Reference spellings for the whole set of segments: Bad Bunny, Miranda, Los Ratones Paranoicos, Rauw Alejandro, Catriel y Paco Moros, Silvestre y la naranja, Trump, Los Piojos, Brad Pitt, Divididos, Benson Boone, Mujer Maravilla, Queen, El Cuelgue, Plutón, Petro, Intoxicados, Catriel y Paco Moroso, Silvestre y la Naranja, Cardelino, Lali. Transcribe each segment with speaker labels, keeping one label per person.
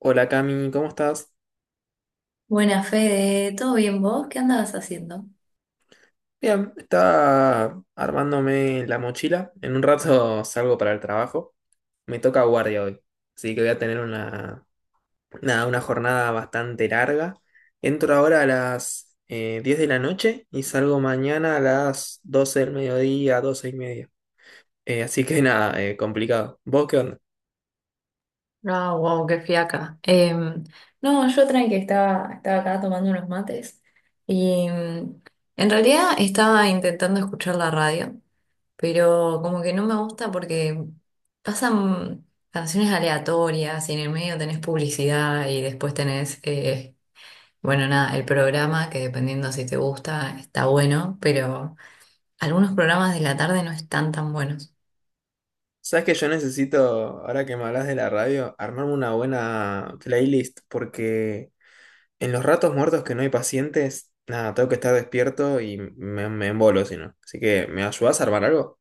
Speaker 1: Hola Cami, ¿cómo estás?
Speaker 2: Buena Fede, ¿todo bien vos? ¿Qué andabas haciendo?
Speaker 1: Bien, estaba armándome la mochila. En un rato salgo para el trabajo. Me toca guardia hoy, así que voy a tener una, nada, una jornada bastante larga. Entro ahora a las 10 de la noche y salgo mañana a las 12 del mediodía, 12 y media. Así que nada, complicado. ¿Vos qué onda?
Speaker 2: Ah, wow, qué fiaca. No, yo tranqui, estaba acá tomando unos mates y en realidad estaba intentando escuchar la radio, pero como que no me gusta porque pasan canciones aleatorias y en el medio tenés publicidad y después tenés, bueno, nada, el programa que dependiendo si te gusta está bueno, pero algunos programas de la tarde no están tan buenos.
Speaker 1: Sabes que yo necesito, ahora que me hablas de la radio, armarme una buena playlist porque en los ratos muertos que no hay pacientes, nada, tengo que estar despierto y me embolo si no. Así que, ¿me ayudás a armar algo?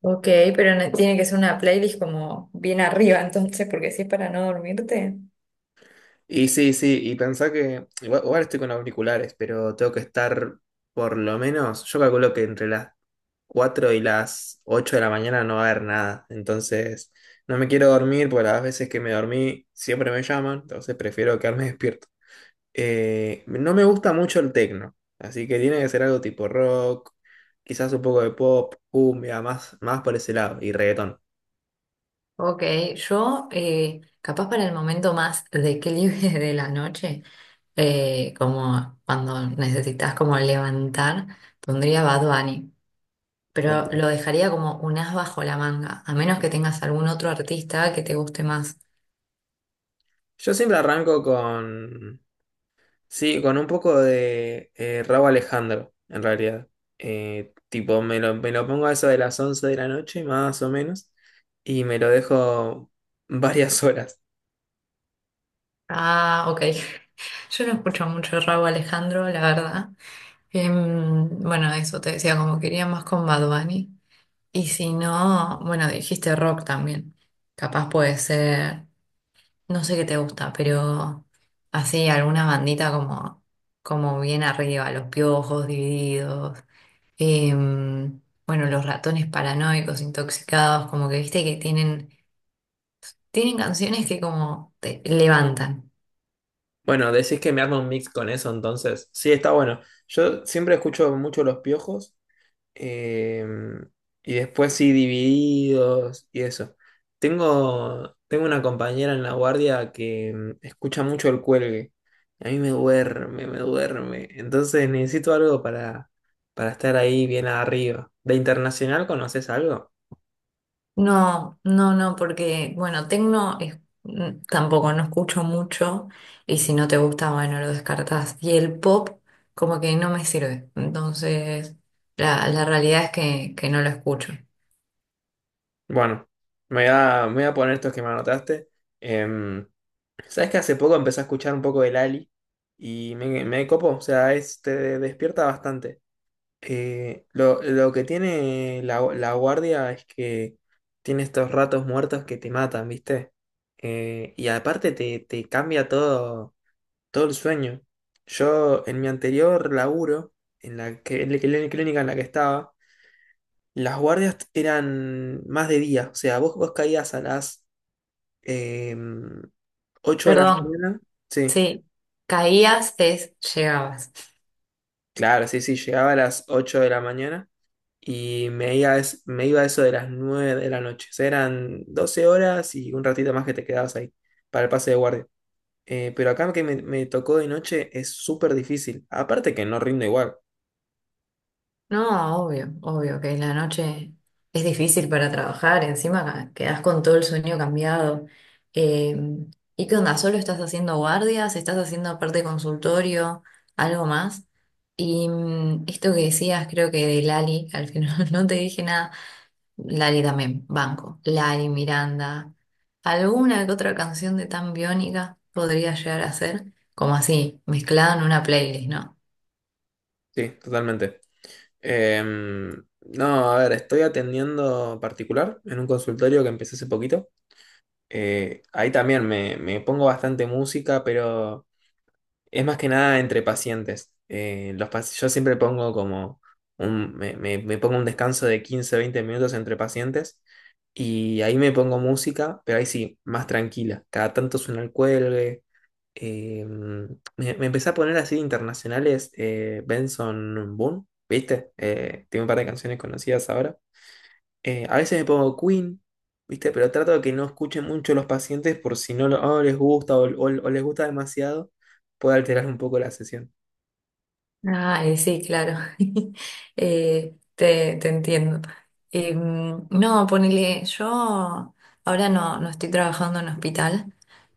Speaker 2: Ok, pero tiene que ser una playlist como bien arriba entonces, porque si es para no dormirte.
Speaker 1: Y sí, sí, y pensá que igual, igual estoy con auriculares, pero tengo que estar por lo menos, yo calculo que entre las 4 y las 8 de la mañana no va a haber nada. Entonces, no me quiero dormir porque las veces que me dormí siempre me llaman, entonces prefiero quedarme despierto. No me gusta mucho el techno, así que tiene que ser algo tipo rock, quizás un poco de pop, cumbia, más, más por ese lado, y reggaetón.
Speaker 2: Ok, yo capaz para el momento más de que libre de la noche, como cuando necesitas como levantar, pondría Bad Bunny, pero
Speaker 1: Ok.
Speaker 2: lo dejaría como un as bajo la manga, a menos que tengas algún otro artista que te guste más.
Speaker 1: Yo siempre arranco con, sí, con un poco de Rauw Alejandro, en realidad. Tipo, me lo pongo a eso de las 11 de la noche, más o menos, y me lo dejo varias horas.
Speaker 2: Ah, ok, yo no escucho mucho Rauw Alejandro, la verdad. Bueno, eso te decía, como quería más con Bad Bunny. Y si no, bueno, dijiste rock también. Capaz puede ser, no sé qué te gusta, pero así alguna bandita como, como bien arriba, Los Piojos, Divididos, em, bueno, Los Ratones Paranoicos, Intoxicados, como que viste que tienen, tienen canciones que como te levantan.
Speaker 1: Bueno, decís que me armo un mix con eso, entonces, sí, está bueno. Yo siempre escucho mucho Los Piojos. Em, y después sí, divididos y eso. Tengo una compañera en la guardia que mm, escucha mucho el cuelgue. A mí me duerme, me duerme. Entonces necesito algo para estar ahí bien arriba. ¿De internacional conoces algo?
Speaker 2: No, no, no, porque, bueno, tampoco no escucho mucho y si no te gusta, bueno, lo descartás. Y el pop como que no me sirve. Entonces, la realidad es que no lo escucho.
Speaker 1: Bueno, me voy a poner estos que me anotaste. Em, ¿sabes que hace poco empecé a escuchar un poco el Ali? Y me copo, o sea, es, te despierta bastante. Lo que tiene la guardia es que tiene estos ratos muertos que te matan, ¿viste? Y aparte te cambia todo, todo el sueño. Yo en mi anterior laburo, en la clínica en la que estaba, las guardias eran más de día. O sea, vos caías a las eh, 8 de la
Speaker 2: Perdón,
Speaker 1: mañana. Sí,
Speaker 2: sí, caías es llegabas.
Speaker 1: claro, sí, sí, llegaba a las 8 de la mañana y me iba, me iba a eso de las 9 de la noche. O sea, eran 12 horas y un ratito más que te quedabas ahí para el pase de guardia. Pero acá que me tocó de noche es súper difícil. Aparte que no rindo igual.
Speaker 2: No, obvio, obvio que la noche es difícil para trabajar, encima quedás con todo el sueño cambiado. Eh, ¿Y qué onda? ¿Solo estás haciendo guardias? ¿Estás haciendo aparte consultorio? ¿Algo más? Y esto que decías, creo que de Lali, que al final no te dije nada. Lali también, Banco. Lali, Miranda. Alguna que otra canción de Tan Biónica podría llegar a ser, como así, mezclada en una playlist, ¿no?
Speaker 1: Sí, totalmente. Em, no, a ver, estoy atendiendo particular en un consultorio que empecé hace poquito. Ahí también me pongo bastante música, pero... Es más que nada entre pacientes. Los yo siempre pongo como un, me pongo un descanso de 15, 20 minutos entre pacientes y ahí me pongo música, pero ahí sí, más tranquila. Cada tanto suena el cuelgue. Me empecé a poner así internacionales Benson Boone, ¿viste? Tiene un par de canciones conocidas ahora. A veces me pongo Queen, ¿viste? Pero trato de que no escuchen mucho los pacientes por si no, no les gusta o, o les gusta demasiado, puede alterar un poco la sesión.
Speaker 2: Ah, sí, claro. Te entiendo. Mm, no, ponele, yo ahora no, no estoy trabajando en hospital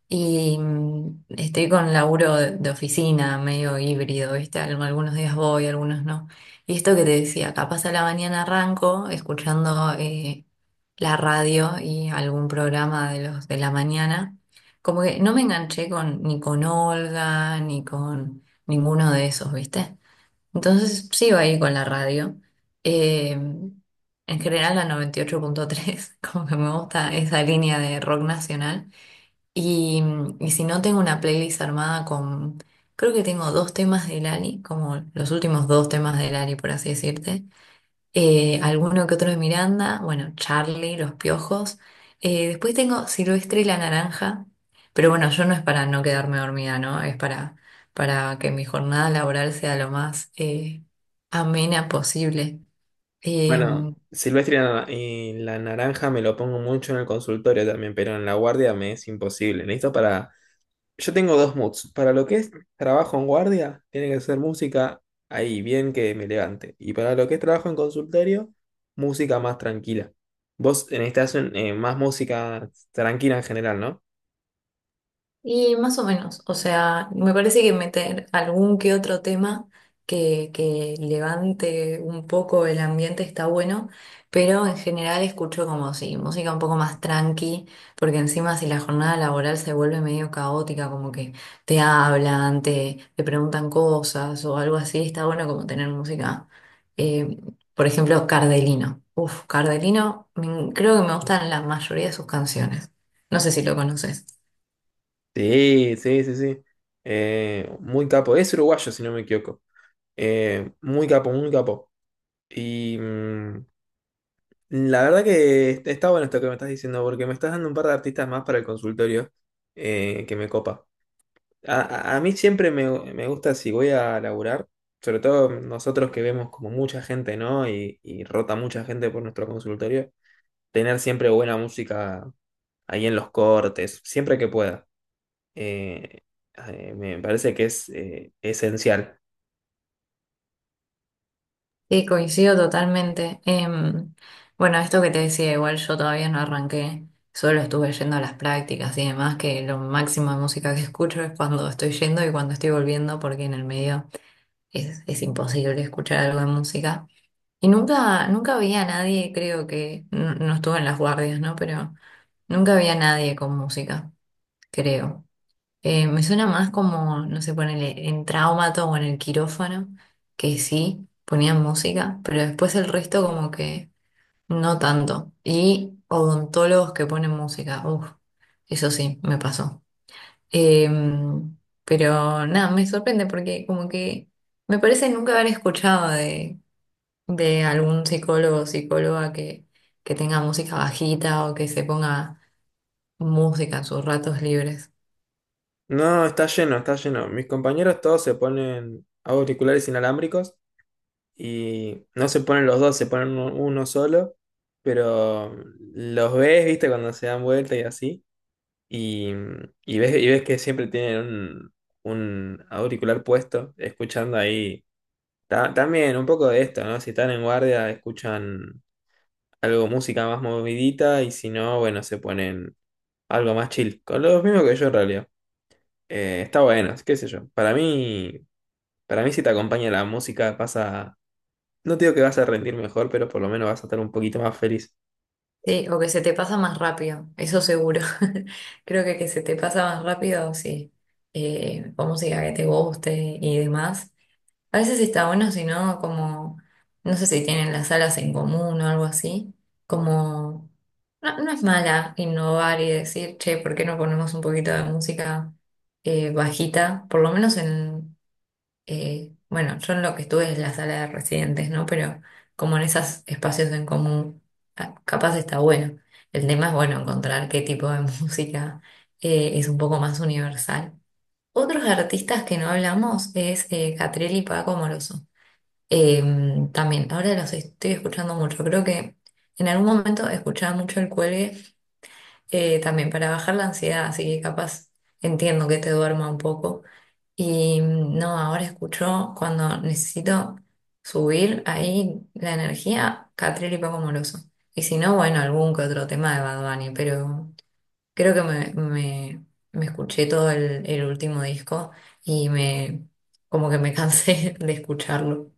Speaker 2: y estoy con laburo de oficina medio híbrido, ¿viste? Algunos días voy, algunos no. Y esto que te decía, capaz a la mañana arranco escuchando la radio y algún programa de los de la mañana. Como que no me enganché con, ni con Olga, ni con ninguno de esos, ¿viste? Entonces sigo ahí con la radio. En general la 98.3, como que me gusta esa línea de rock nacional. Y, y si no tengo una playlist armada con, creo que tengo dos temas de Lali, como los últimos dos temas de Lali, por así decirte alguno que otro de Miranda, bueno, Charlie, Los Piojos. Después tengo Silvestre y la Naranja, pero bueno, yo no es para no quedarme dormida, ¿no? Es para que mi jornada laboral sea lo más amena posible.
Speaker 1: Bueno,
Speaker 2: Em,
Speaker 1: Silvestre y la naranja me lo pongo mucho en el consultorio también, pero en la guardia me es imposible. Necesito para... Yo tengo dos moods. Para lo que es trabajo en guardia, tiene que ser música ahí, bien que me levante. Y para lo que es trabajo en consultorio, música más tranquila. Vos necesitas más música tranquila en general, ¿no?
Speaker 2: Y más o menos, o sea, me parece que meter algún que otro tema que levante un poco el ambiente está bueno, pero en general escucho como si música un poco más tranqui, porque encima si la jornada laboral se vuelve medio caótica, como que te hablan, te preguntan cosas o algo así, está bueno como tener música, eh, por ejemplo, Cardelino. Uf, Cardelino, creo que me gustan la mayoría de sus canciones. No sé si lo conoces.
Speaker 1: Sí, sí, sí, sí. Muy capo. Es uruguayo, si no me equivoco. Muy capo, muy capo. Y mm, la verdad que está bueno esto que me estás diciendo, porque me estás dando un par de artistas más para el consultorio que me copa. A, a mí siempre me gusta si voy a laburar, sobre todo nosotros que vemos como mucha gente, ¿no? Y rota mucha gente por nuestro consultorio, tener siempre buena música ahí en los cortes, siempre que pueda. eh, Me parece que es esencial.
Speaker 2: Sí, coincido totalmente. Bueno, esto que te decía, igual yo todavía no arranqué, solo estuve yendo a las prácticas y demás, que lo máximo de música que escucho es cuando estoy yendo y cuando estoy volviendo, porque en el medio es imposible escuchar algo de música. Y nunca, nunca vi a nadie, creo que, no, no estuve en las guardias, ¿no? Pero nunca vi a nadie con música, creo. Me suena más como, no sé, ponele en Traumato o en el quirófano, que sí, ponían música, pero después el resto como que no tanto. Y odontólogos que ponen música, uff, eso sí, me pasó. Em, pero nada, me sorprende porque como que me parece nunca haber escuchado de algún psicólogo o psicóloga que tenga música bajita o que se ponga música en sus ratos libres.
Speaker 1: No, está lleno, está lleno. Mis compañeros todos se ponen auriculares inalámbricos y no se ponen los dos, se ponen uno, uno solo, pero los ves, viste, cuando se dan vuelta y así, y, y ves que siempre tienen un auricular puesto, escuchando ahí. También un poco de esto, ¿no? Si están en guardia, escuchan algo, música más movidita, y si no, bueno, se ponen algo más chill. Con lo mismo que yo en realidad. Está bueno, qué sé yo. Para mí si te acompaña la música, pasa. No te digo que vas a rendir mejor, pero por lo menos vas a estar un poquito más feliz.
Speaker 2: Sí, o que se te pasa más rápido, eso seguro. Creo que se te pasa más rápido, sí. O música que te guste y demás. A veces está bueno, si no, como, no sé si tienen las salas en común o algo así. Como, no, no es mala innovar y decir, che, ¿por qué no ponemos un poquito de música bajita? Por lo menos en, bueno, yo en lo que estuve es la sala de residentes, ¿no? Pero como en esos espacios en común, ah, capaz está bueno. El tema es, bueno, encontrar qué tipo de música es un poco más universal. Otros artistas que no hablamos es Catriel y Paco Moroso. Eh, también, ahora los estoy escuchando mucho. Creo que en algún momento escuchaba mucho El Cuelgue también para bajar la ansiedad, así que capaz entiendo que te duerma un poco. Y no, ahora escucho cuando necesito subir ahí la energía, Catril y Paco Moroso. Y si no, bueno, algún que otro tema de Bad Bunny, pero creo que me escuché todo el último disco y me como que me cansé de escucharlo.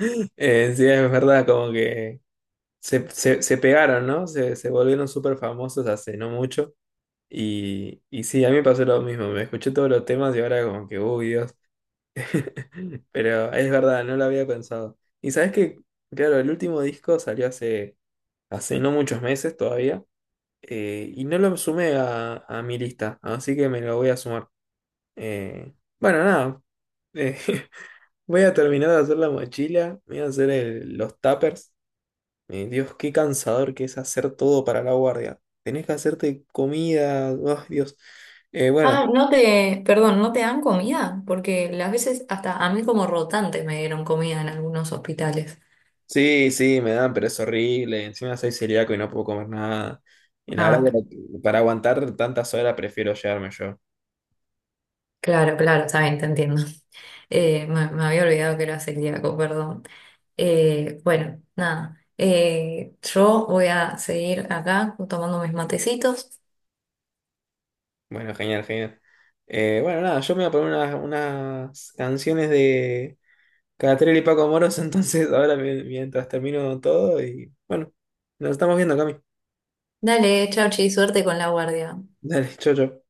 Speaker 1: Sí, es verdad, como que se pegaron, ¿no? Se volvieron súper famosos hace no mucho. Y sí, a mí me pasó lo mismo. Me escuché todos los temas y ahora como que, uy, Dios. Pero es verdad, no lo había pensado. Y sabes que, claro, el último disco salió hace no muchos meses todavía. Y no lo sumé a mi lista, así que me lo voy a sumar. Eh, bueno, nada. eh, Voy a terminar de hacer la mochila. Voy a hacer los tuppers. Dios, qué cansador que es hacer todo para la guardia. Tenés que hacerte comida. Ay, Dios. Bueno,
Speaker 2: Ah, no te, perdón, ¿no te dan comida? Porque las veces hasta a mí como rotante me dieron comida en algunos hospitales.
Speaker 1: sí, sí, me dan, pero es horrible. Encima soy celíaco y no puedo comer nada. Y la verdad
Speaker 2: Ah,
Speaker 1: que para aguantar tantas horas prefiero llevarme yo.
Speaker 2: claro, claro, está bien, te entiendo. Me había olvidado que era celíaco, perdón. Bueno, nada. Eh, yo voy a seguir acá tomando mis matecitos.
Speaker 1: Bueno, genial, genial. Bueno, nada, yo me voy a poner unas, unas canciones de Catriel y Paco Moros, entonces ahora mientras termino todo y bueno, nos estamos viendo, Cami.
Speaker 2: Dale, chau, chi, suerte con la guardia.
Speaker 1: Dale, chau, chau.